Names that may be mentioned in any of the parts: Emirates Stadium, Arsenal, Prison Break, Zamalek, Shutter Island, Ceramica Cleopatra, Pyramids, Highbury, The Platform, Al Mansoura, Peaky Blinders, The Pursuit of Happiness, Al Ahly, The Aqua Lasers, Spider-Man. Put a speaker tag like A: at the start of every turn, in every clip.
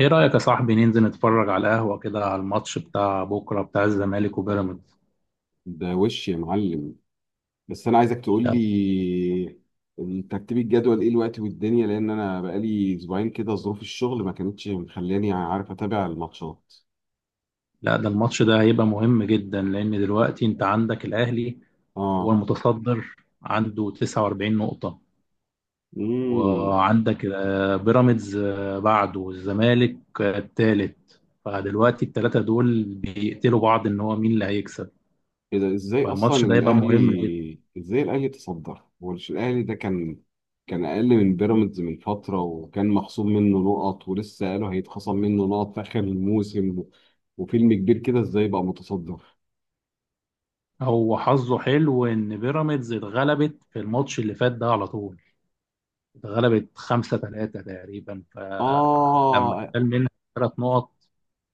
A: ايه رأيك يا صاحبي ننزل نتفرج على القهوة كده على الماتش بتاع بكرة بتاع الزمالك وبيراميدز.
B: ده وش يا معلم؟ بس انا عايزك تقول
A: لا.
B: لي ترتيب الجدول ايه الوقت والدنيا، لان انا بقالي اسبوعين كده ظروف الشغل ما كانتش مخلاني عارف اتابع الماتشات.
A: ده الماتش ده هيبقى مهم جدا لأن دلوقتي انت عندك الأهلي. هو
B: اه.
A: المتصدر عنده 49 نقطة.
B: امم
A: وعندك بيراميدز بعده والزمالك التالت. فدلوقتي التلاتة دول بيقتلوا بعض ان هو مين اللي هيكسب.
B: ايه ده،
A: فالماتش ده هيبقى مهم جدا.
B: ازاي الاهلي تصدر؟ هو مش الاهلي ده كان اقل من بيراميدز من فتره، وكان مخصوم منه نقط ولسه قالوا هيتخصم منه نقط في اخر الموسم، وفيلم كبير كده ازاي بقى متصدر؟
A: هو حظه حلو ان بيراميدز اتغلبت في الماتش اللي فات ده على طول. اتغلبت 5 3 تقريبا، فلما
B: اه.
A: اتشال منها ثلاث نقط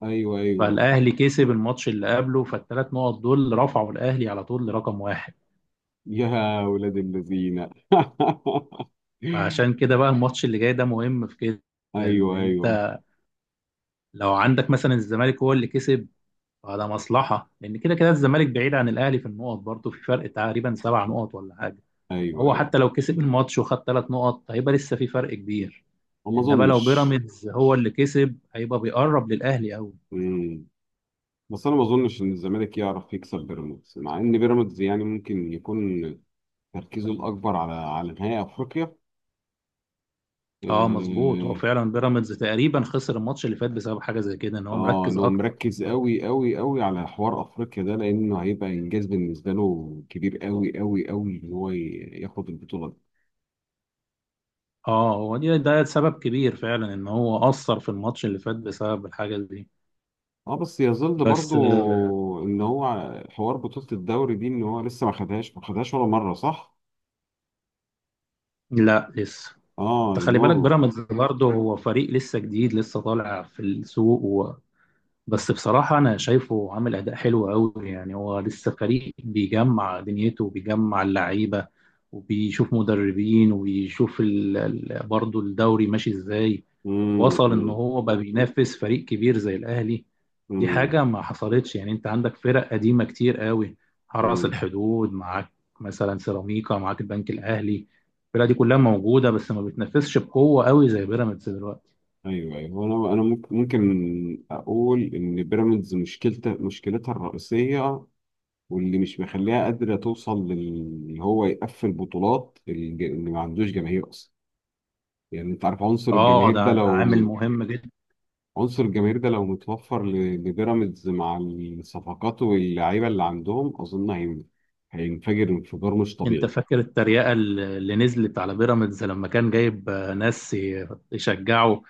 B: ايوه، ايوه.
A: فالاهلي كسب الماتش اللي قبله، فالـ3 نقط رفعوا الاهلي على طول لرقم واحد.
B: يا ولاد الذين.
A: عشان كده بقى الماتش اللي جاي ده مهم في كده
B: ايوه،
A: ان
B: ايوه.
A: انت لو عندك مثلا الزمالك هو اللي كسب، فده مصلحه لان كده كده الزمالك بعيد عن الاهلي في النقط، برضه في فرق تقريبا 7 نقط حاجه،
B: ايوه،
A: وهو
B: ايوه.
A: حتى لو كسب الماتش وخد 3 نقط لسه في فرق كبير.
B: ما
A: انما لو
B: اظنش.
A: بيراميدز هو اللي كسب هيبقى بيقرب للاهلي قوي.
B: مم. بس انا ما اظنش ان الزمالك يعرف يكسب بيراميدز، مع ان بيراميدز يعني ممكن يكون تركيزه الاكبر على نهائي افريقيا.
A: اه مظبوط، هو
B: اه.
A: فعلا بيراميدز تقريبا خسر الماتش اللي فات بسبب حاجه زي كده ان هو مركز
B: انه
A: اكتر.
B: مركز قوي قوي قوي على حوار افريقيا ده، لانه هيبقى انجاز بالنسبه له كبير قوي قوي قوي، ان هو ياخد البطوله دي.
A: اه هو دي ده سبب كبير فعلا ان هو اثر في الماتش اللي فات بسبب الحاجه دي.
B: اه بس يظل برضو
A: بس آه،
B: ان هو حوار بطولة الدوري دي ان هو لسه ما خدهاش ما خدهاش ولا مرة، صح؟
A: لا لسه.
B: اه،
A: انت
B: ان
A: خلي بالك
B: هو.
A: بيراميدز برضه هو فريق لسه جديد لسه طالع في السوق. بس بصراحة أنا شايفه عامل أداء حلو أوي. يعني هو لسه فريق بيجمع دنيته وبيجمع اللعيبة وبيشوف مدربين وبيشوف برضه الدوري ماشي إزاي.
B: امم،
A: وصل إن
B: امم،
A: هو بقى بينافس فريق كبير زي الأهلي. دي
B: امم،
A: حاجة ما حصلتش. يعني أنت عندك فرق قديمة كتير أوي. حرس
B: أمم.
A: الحدود معاك، مثلا سيراميكا معاك، البنك الأهلي. الفرق دي كلها موجودة بس ما بتنافسش بقوة أوي زي بيراميدز دلوقتي.
B: ايوه، ايوه. انا ممكن اقول ان بيراميدز مشكلتها الرئيسية، واللي مش مخليها قادرة توصل لل هو يقفل بطولات اللي ما عندوش جماهير اصلا. يعني انت عارف عنصر
A: اه
B: الجماهير ده
A: ده
B: لو،
A: عامل مهم جدا.
B: متوفر لبيراميدز مع الصفقات واللعيبه اللي عندهم، اظن هينفجر انفجار مش
A: انت
B: طبيعي.
A: فاكر التريقة اللي نزلت على بيراميدز لما كان جايب ناس يشجعوا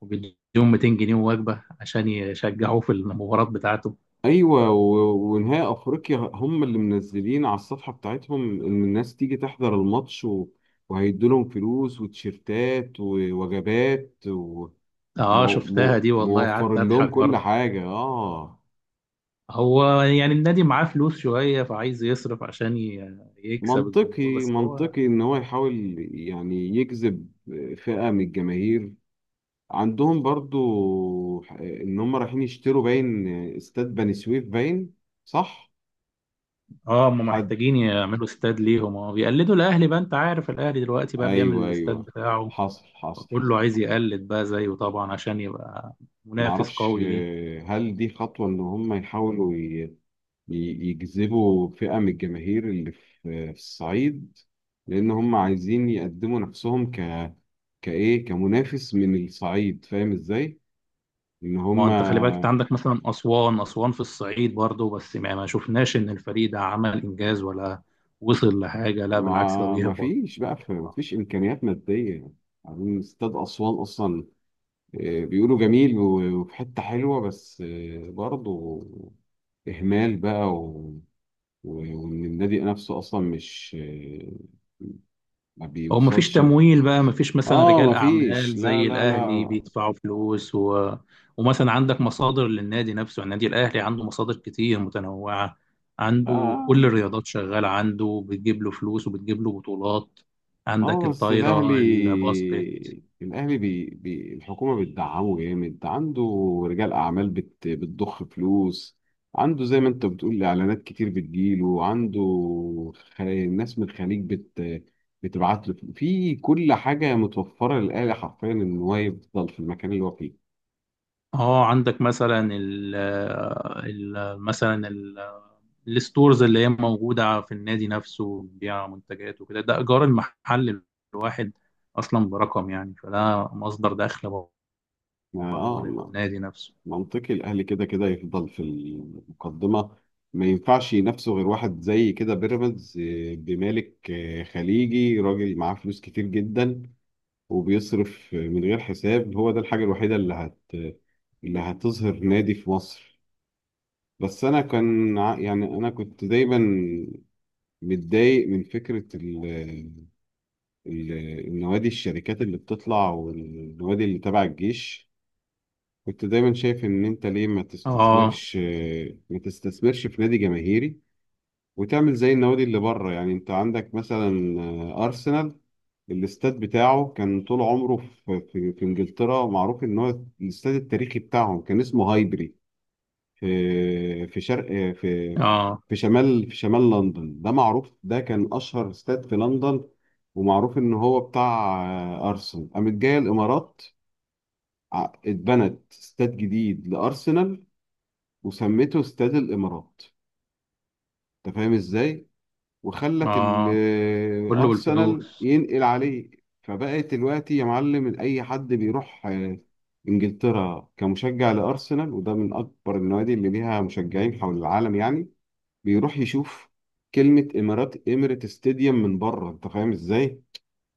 A: وبيديهم 200 جنيه وجبة عشان يشجعوه في المباراة بتاعته.
B: ايوه ونهائي افريقيا هم اللي منزلين على الصفحه بتاعتهم ان الناس تيجي تحضر الماتش وهيدوا لهم فلوس وتيشيرتات ووجبات
A: اه شفتها دي والله، قعدت
B: وموفرين لهم
A: اضحك
B: كل
A: برضه.
B: حاجه. اه.
A: هو يعني النادي معاه فلوس شوية فعايز يصرف عشان يكسب الجمهور
B: منطقي
A: بس هو.
B: منطقي ان هو يحاول يعني يجذب فئه من الجماهير. عندهم برضو ان هم رايحين يشتروا باين، استاد بني سويف باين. صح.
A: اه هم
B: حد.
A: محتاجين يعملوا استاد ليهم. اه بيقلدوا الاهلي بقى، انت عارف الاهلي دلوقتي بقى بيعمل
B: ايوه،
A: الاستاد
B: ايوه.
A: بتاعه.
B: حصل حصل.
A: فكله عايز يقلد بقى زيه طبعا عشان يبقى منافس
B: معرفش،
A: قوي ليه.
B: هل دي خطوة ان هم يحاولوا يجذبوا فئة من الجماهير اللي في الصعيد، لان هم عايزين يقدموا نفسهم ك كايه كمنافس من الصعيد، فاهم ازاي؟ ان
A: ما هو
B: هم
A: انت خلي بالك، انت عندك مثلا اسوان، اسوان في الصعيد برضه بس ما شفناش ان الفريق ده عمل انجاز ولا وصل لحاجه. لا بالعكس ده
B: ما
A: بيهبط.
B: فيش بقى، ما فيش امكانيات ماديه. عايزين استاد اسوان اصلا، بيقولوا جميل وفي حته حلوه، بس برضه اهمال بقى و- وان النادي نفسه اصلا مش ما
A: هو ما فيش
B: بيوصلش
A: تمويل بقى، ما فيش مثلا
B: اه
A: رجال
B: ما
A: اعمال
B: فيش، لا،
A: زي
B: لا،
A: الاهلي
B: لا.
A: بيدفعوا فلوس، و... ومثلا عندك مصادر للنادي نفسه. يعني النادي الاهلي عنده مصادر كتير متنوعه، عنده
B: آه.
A: كل الرياضات شغاله عنده بتجيب له فلوس وبتجيب له بطولات.
B: اه
A: عندك
B: بس الاهلي
A: الطايره، الباسكت.
B: الاهلي الحكومه بتدعمه جامد، عنده رجال اعمال بتضخ فلوس، عنده زي ما انت بتقول اعلانات كتير بتجيله، عنده ناس من الخليج بتبعت له في كل حاجه، متوفره للاهلي حرفيا ان هو يفضل في المكان اللي هو فيه.
A: اه عندك مثلا ال مثلا ال- الستورز اللي هي موجودة في النادي نفسه بتبيع منتجات وكده. ده إيجار المحل الواحد أصلا برقم، يعني فده مصدر دخل برضه
B: اه،
A: للنادي نفسه.
B: منطقي الاهلي كده كده يفضل في المقدمه. ما ينفعش ينافسه غير واحد زي كده، بيراميدز، بمالك خليجي، راجل معاه فلوس كتير جدا، وبيصرف من غير حساب. هو ده الحاجه الوحيده اللي هتظهر نادي في مصر. بس انا كان يعني انا كنت دايما متضايق من فكره ال- النوادي الشركات اللي بتطلع، والنوادي اللي تبع الجيش. كنت دايما شايف ان انت ليه ما
A: اه
B: تستثمرش ما تستثمرش في نادي جماهيري، وتعمل زي النوادي اللي بره. يعني انت عندك مثلا ارسنال. الاستاد بتاعه كان طول عمره في انجلترا، معروف ان هو الاستاد التاريخي بتاعهم، كان اسمه هايبري في في شرق في
A: اه
B: في شمال في شمال لندن. ده معروف، ده كان اشهر استاد في لندن، ومعروف ان هو بتاع ارسنال. قامت جايه الامارات، اتبنت استاد جديد لارسنال وسميته استاد الامارات، انت فاهم ازاي؟ وخلت
A: اه كله
B: الارسنال
A: بالفلوس.
B: ينقل عليه. فبقت دلوقتي يا معلم إن اي حد بيروح انجلترا كمشجع لارسنال، وده من اكبر النوادي اللي ليها مشجعين حول العالم يعني، بيروح يشوف كلمة امارات اميريت ستاديوم من بره، انت فاهم ازاي؟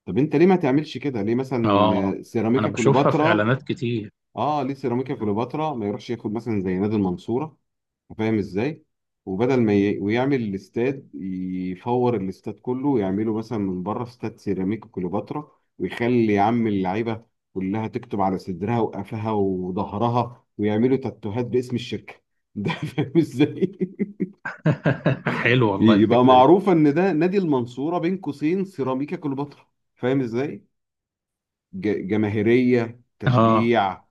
B: طب انت ليه ما تعملش كده؟ ليه مثلا
A: اه أنا
B: سيراميكا
A: بشوفها في
B: كليوباترا،
A: إعلانات كتير.
B: اه، ليه سيراميكا كليوباترا ما يروحش ياخد مثلا زي نادي المنصورة، فاهم ازاي؟ وبدل ما ويعمل الاستاد يفور الاستاد كله، ويعمله مثلا من بره استاد سيراميك كليوباترا، ويخلي يا عم اللعيبه كلها تكتب على صدرها وقفها وظهرها، ويعملوا تاتوهات باسم الشركه ده. فاهم ازاي؟
A: حلو والله
B: يبقى
A: الفكرة دي.
B: معروف ان ده نادي المنصوره بين قوسين سيراميكا كليوباترا، فاهم ازاي؟ جماهيرية
A: اه
B: تشجيع،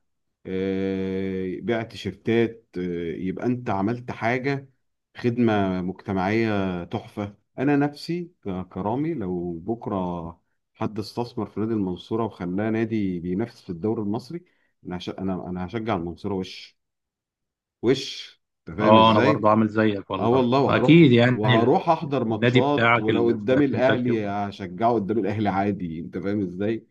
B: بيع تيشيرتات، يبقى انت عملت حاجة، خدمة مجتمعية تحفة. انا نفسي كرامي لو بكرة حد استثمر في نادي المنصورة وخلاه نادي بينافس في الدوري المصري، انا هش... انا انا هشجع المنصورة وش انت فاهم
A: اه أنا
B: ازاي؟
A: برضه عامل زيك
B: اه
A: والله
B: والله، وهروح
A: أكيد، يعني
B: وهروح احضر
A: النادي
B: ماتشات،
A: بتاعك
B: ولو
A: اللي في
B: قدام
A: مدينتك.
B: الاهلي هشجعه قدام الاهلي عادي، انت فاهم ازاي؟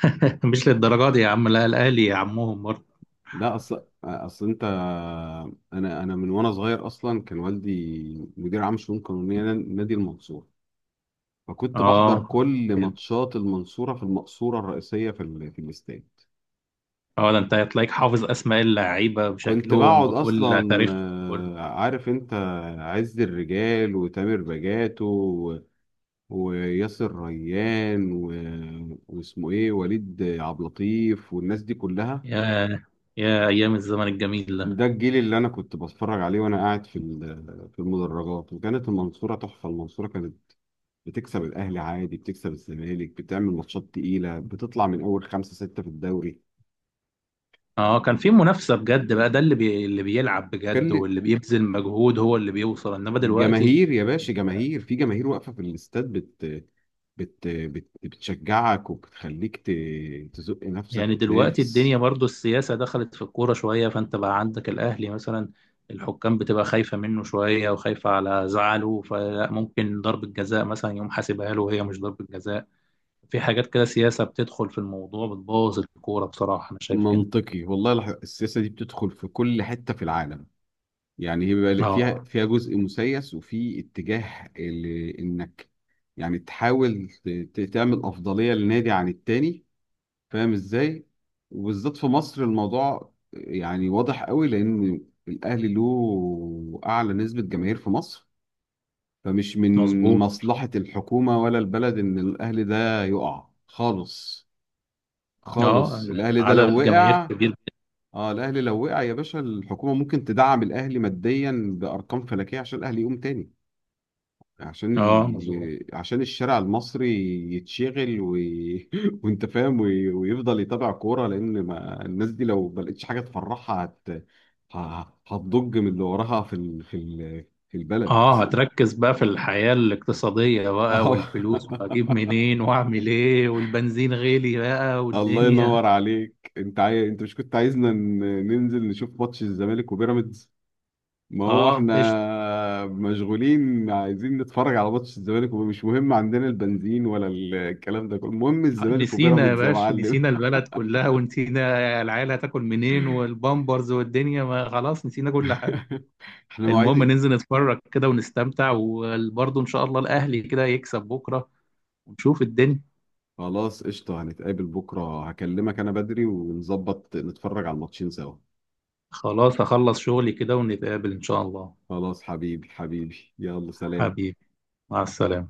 A: مش للدرجة دي يا عم، لا الأهلي يا عمهم برضه.
B: لا، اصل انت، انا من وانا صغير اصلا كان والدي مدير عام شؤون قانونيه نادي المنصوره، فكنت بحضر
A: اه عشان
B: كل
A: كده.
B: ماتشات المنصوره في المقصوره الرئيسيه في الاستاد.
A: اه ده انت هتلاقيك حافظ أسماء اللعيبة
B: كنت
A: بشكلهم
B: بقعد
A: بكل
B: اصلا،
A: تاريخهم كله.
B: عارف انت، عز الرجال وتامر بجاتو وياسر ريان واسمه ايه وليد عبد اللطيف والناس دي كلها.
A: يا يا أيام الزمن الجميل ده.
B: ده الجيل اللي انا كنت بتفرج عليه وانا قاعد في المدرجات، وكانت المنصوره تحفه، المنصوره كانت بتكسب الاهلي عادي، بتكسب الزمالك، بتعمل ماتشات تقيله، بتطلع من اول خمسه سته في الدوري.
A: اه كان في منافسة بجد بقى، ده اللي اللي بيلعب
B: كان
A: بجد
B: لي-
A: واللي بيبذل مجهود هو اللي بيوصل، إنما دلوقتي.
B: جماهير يا باشا، جماهير، في جماهير واقفه في الاستاد بت بت بت بتشجعك وبتخليك تزق نفسك
A: يعني دلوقتي الدنيا
B: وتنافس.
A: برضه السياسة دخلت في الكورة شوية، فأنت بقى عندك الأهلي مثلا، الحكام بتبقى خايفة منه شوية وخايفة على زعله، فممكن ضربة جزاء مثلا يقوم حاسبها له وهي مش ضربة جزاء. في حاجات كده سياسة بتدخل في الموضوع بتبوظ الكورة، بصراحة أنا شايف كده.
B: منطقي والله، السياسه دي بتدخل في كل حته في العالم، يعني هي بيبقى فيها
A: اه
B: فيها جزء مسيس، وفي اتجاه انك يعني تحاول تعمل افضليه للنادي عن التاني، فاهم ازاي؟ وبالذات في مصر الموضوع يعني واضح قوي، لان الاهلي له اعلى نسبه جماهير في مصر، فمش من
A: مظبوط.
B: مصلحه الحكومه ولا البلد ان الاهلي ده يقع خالص.
A: اه
B: خالص
A: إن
B: الاهلي ده لو
A: عدد جماهير
B: وقع،
A: كبير.
B: اه الاهلي لو وقع يا باشا الحكومه ممكن تدعم الاهلي ماديا بارقام فلكيه عشان الاهلي يقوم تاني،
A: اه مظبوط.
B: عشان الشارع المصري يتشغل وانت فاهم ويفضل يتابع كوره، لان ما... الناس دي لو ما لقتش حاجه تفرحها ه... هتضج من اللي وراها في البلد.
A: اه هتركز بقى في الحياة الاقتصادية بقى
B: اه
A: والفلوس واجيب منين واعمل ايه والبنزين غالي بقى
B: الله
A: والدنيا.
B: ينور عليك، انت انت مش كنت عايزنا ننزل نشوف ماتش الزمالك وبيراميدز؟ ما هو
A: اه ايش.
B: احنا مشغولين عايزين نتفرج على ماتش الزمالك، ومش مهم عندنا البنزين ولا الكلام ده كله، المهم الزمالك
A: نسينا يا
B: وبيراميدز يا
A: باشا،
B: معلم.
A: نسينا البلد كلها ونسينا العيال هتاكل منين والبامبرز والدنيا، ما خلاص نسينا كل حاجة.
B: احنا مواعيد
A: المهم
B: إيه؟
A: ننزل نتفرج كده ونستمتع، وبرضه ان شاء الله الاهلي كده يكسب بكره ونشوف الدنيا.
B: خلاص قشطة، هنتقابل بكرة، هكلمك انا بدري ونظبط نتفرج على الماتشين سوا.
A: خلاص هخلص شغلي كده ونتقابل ان شاء الله.
B: خلاص حبيبي، حبيبي، يلا سلام.
A: حبيبي، مع السلامه.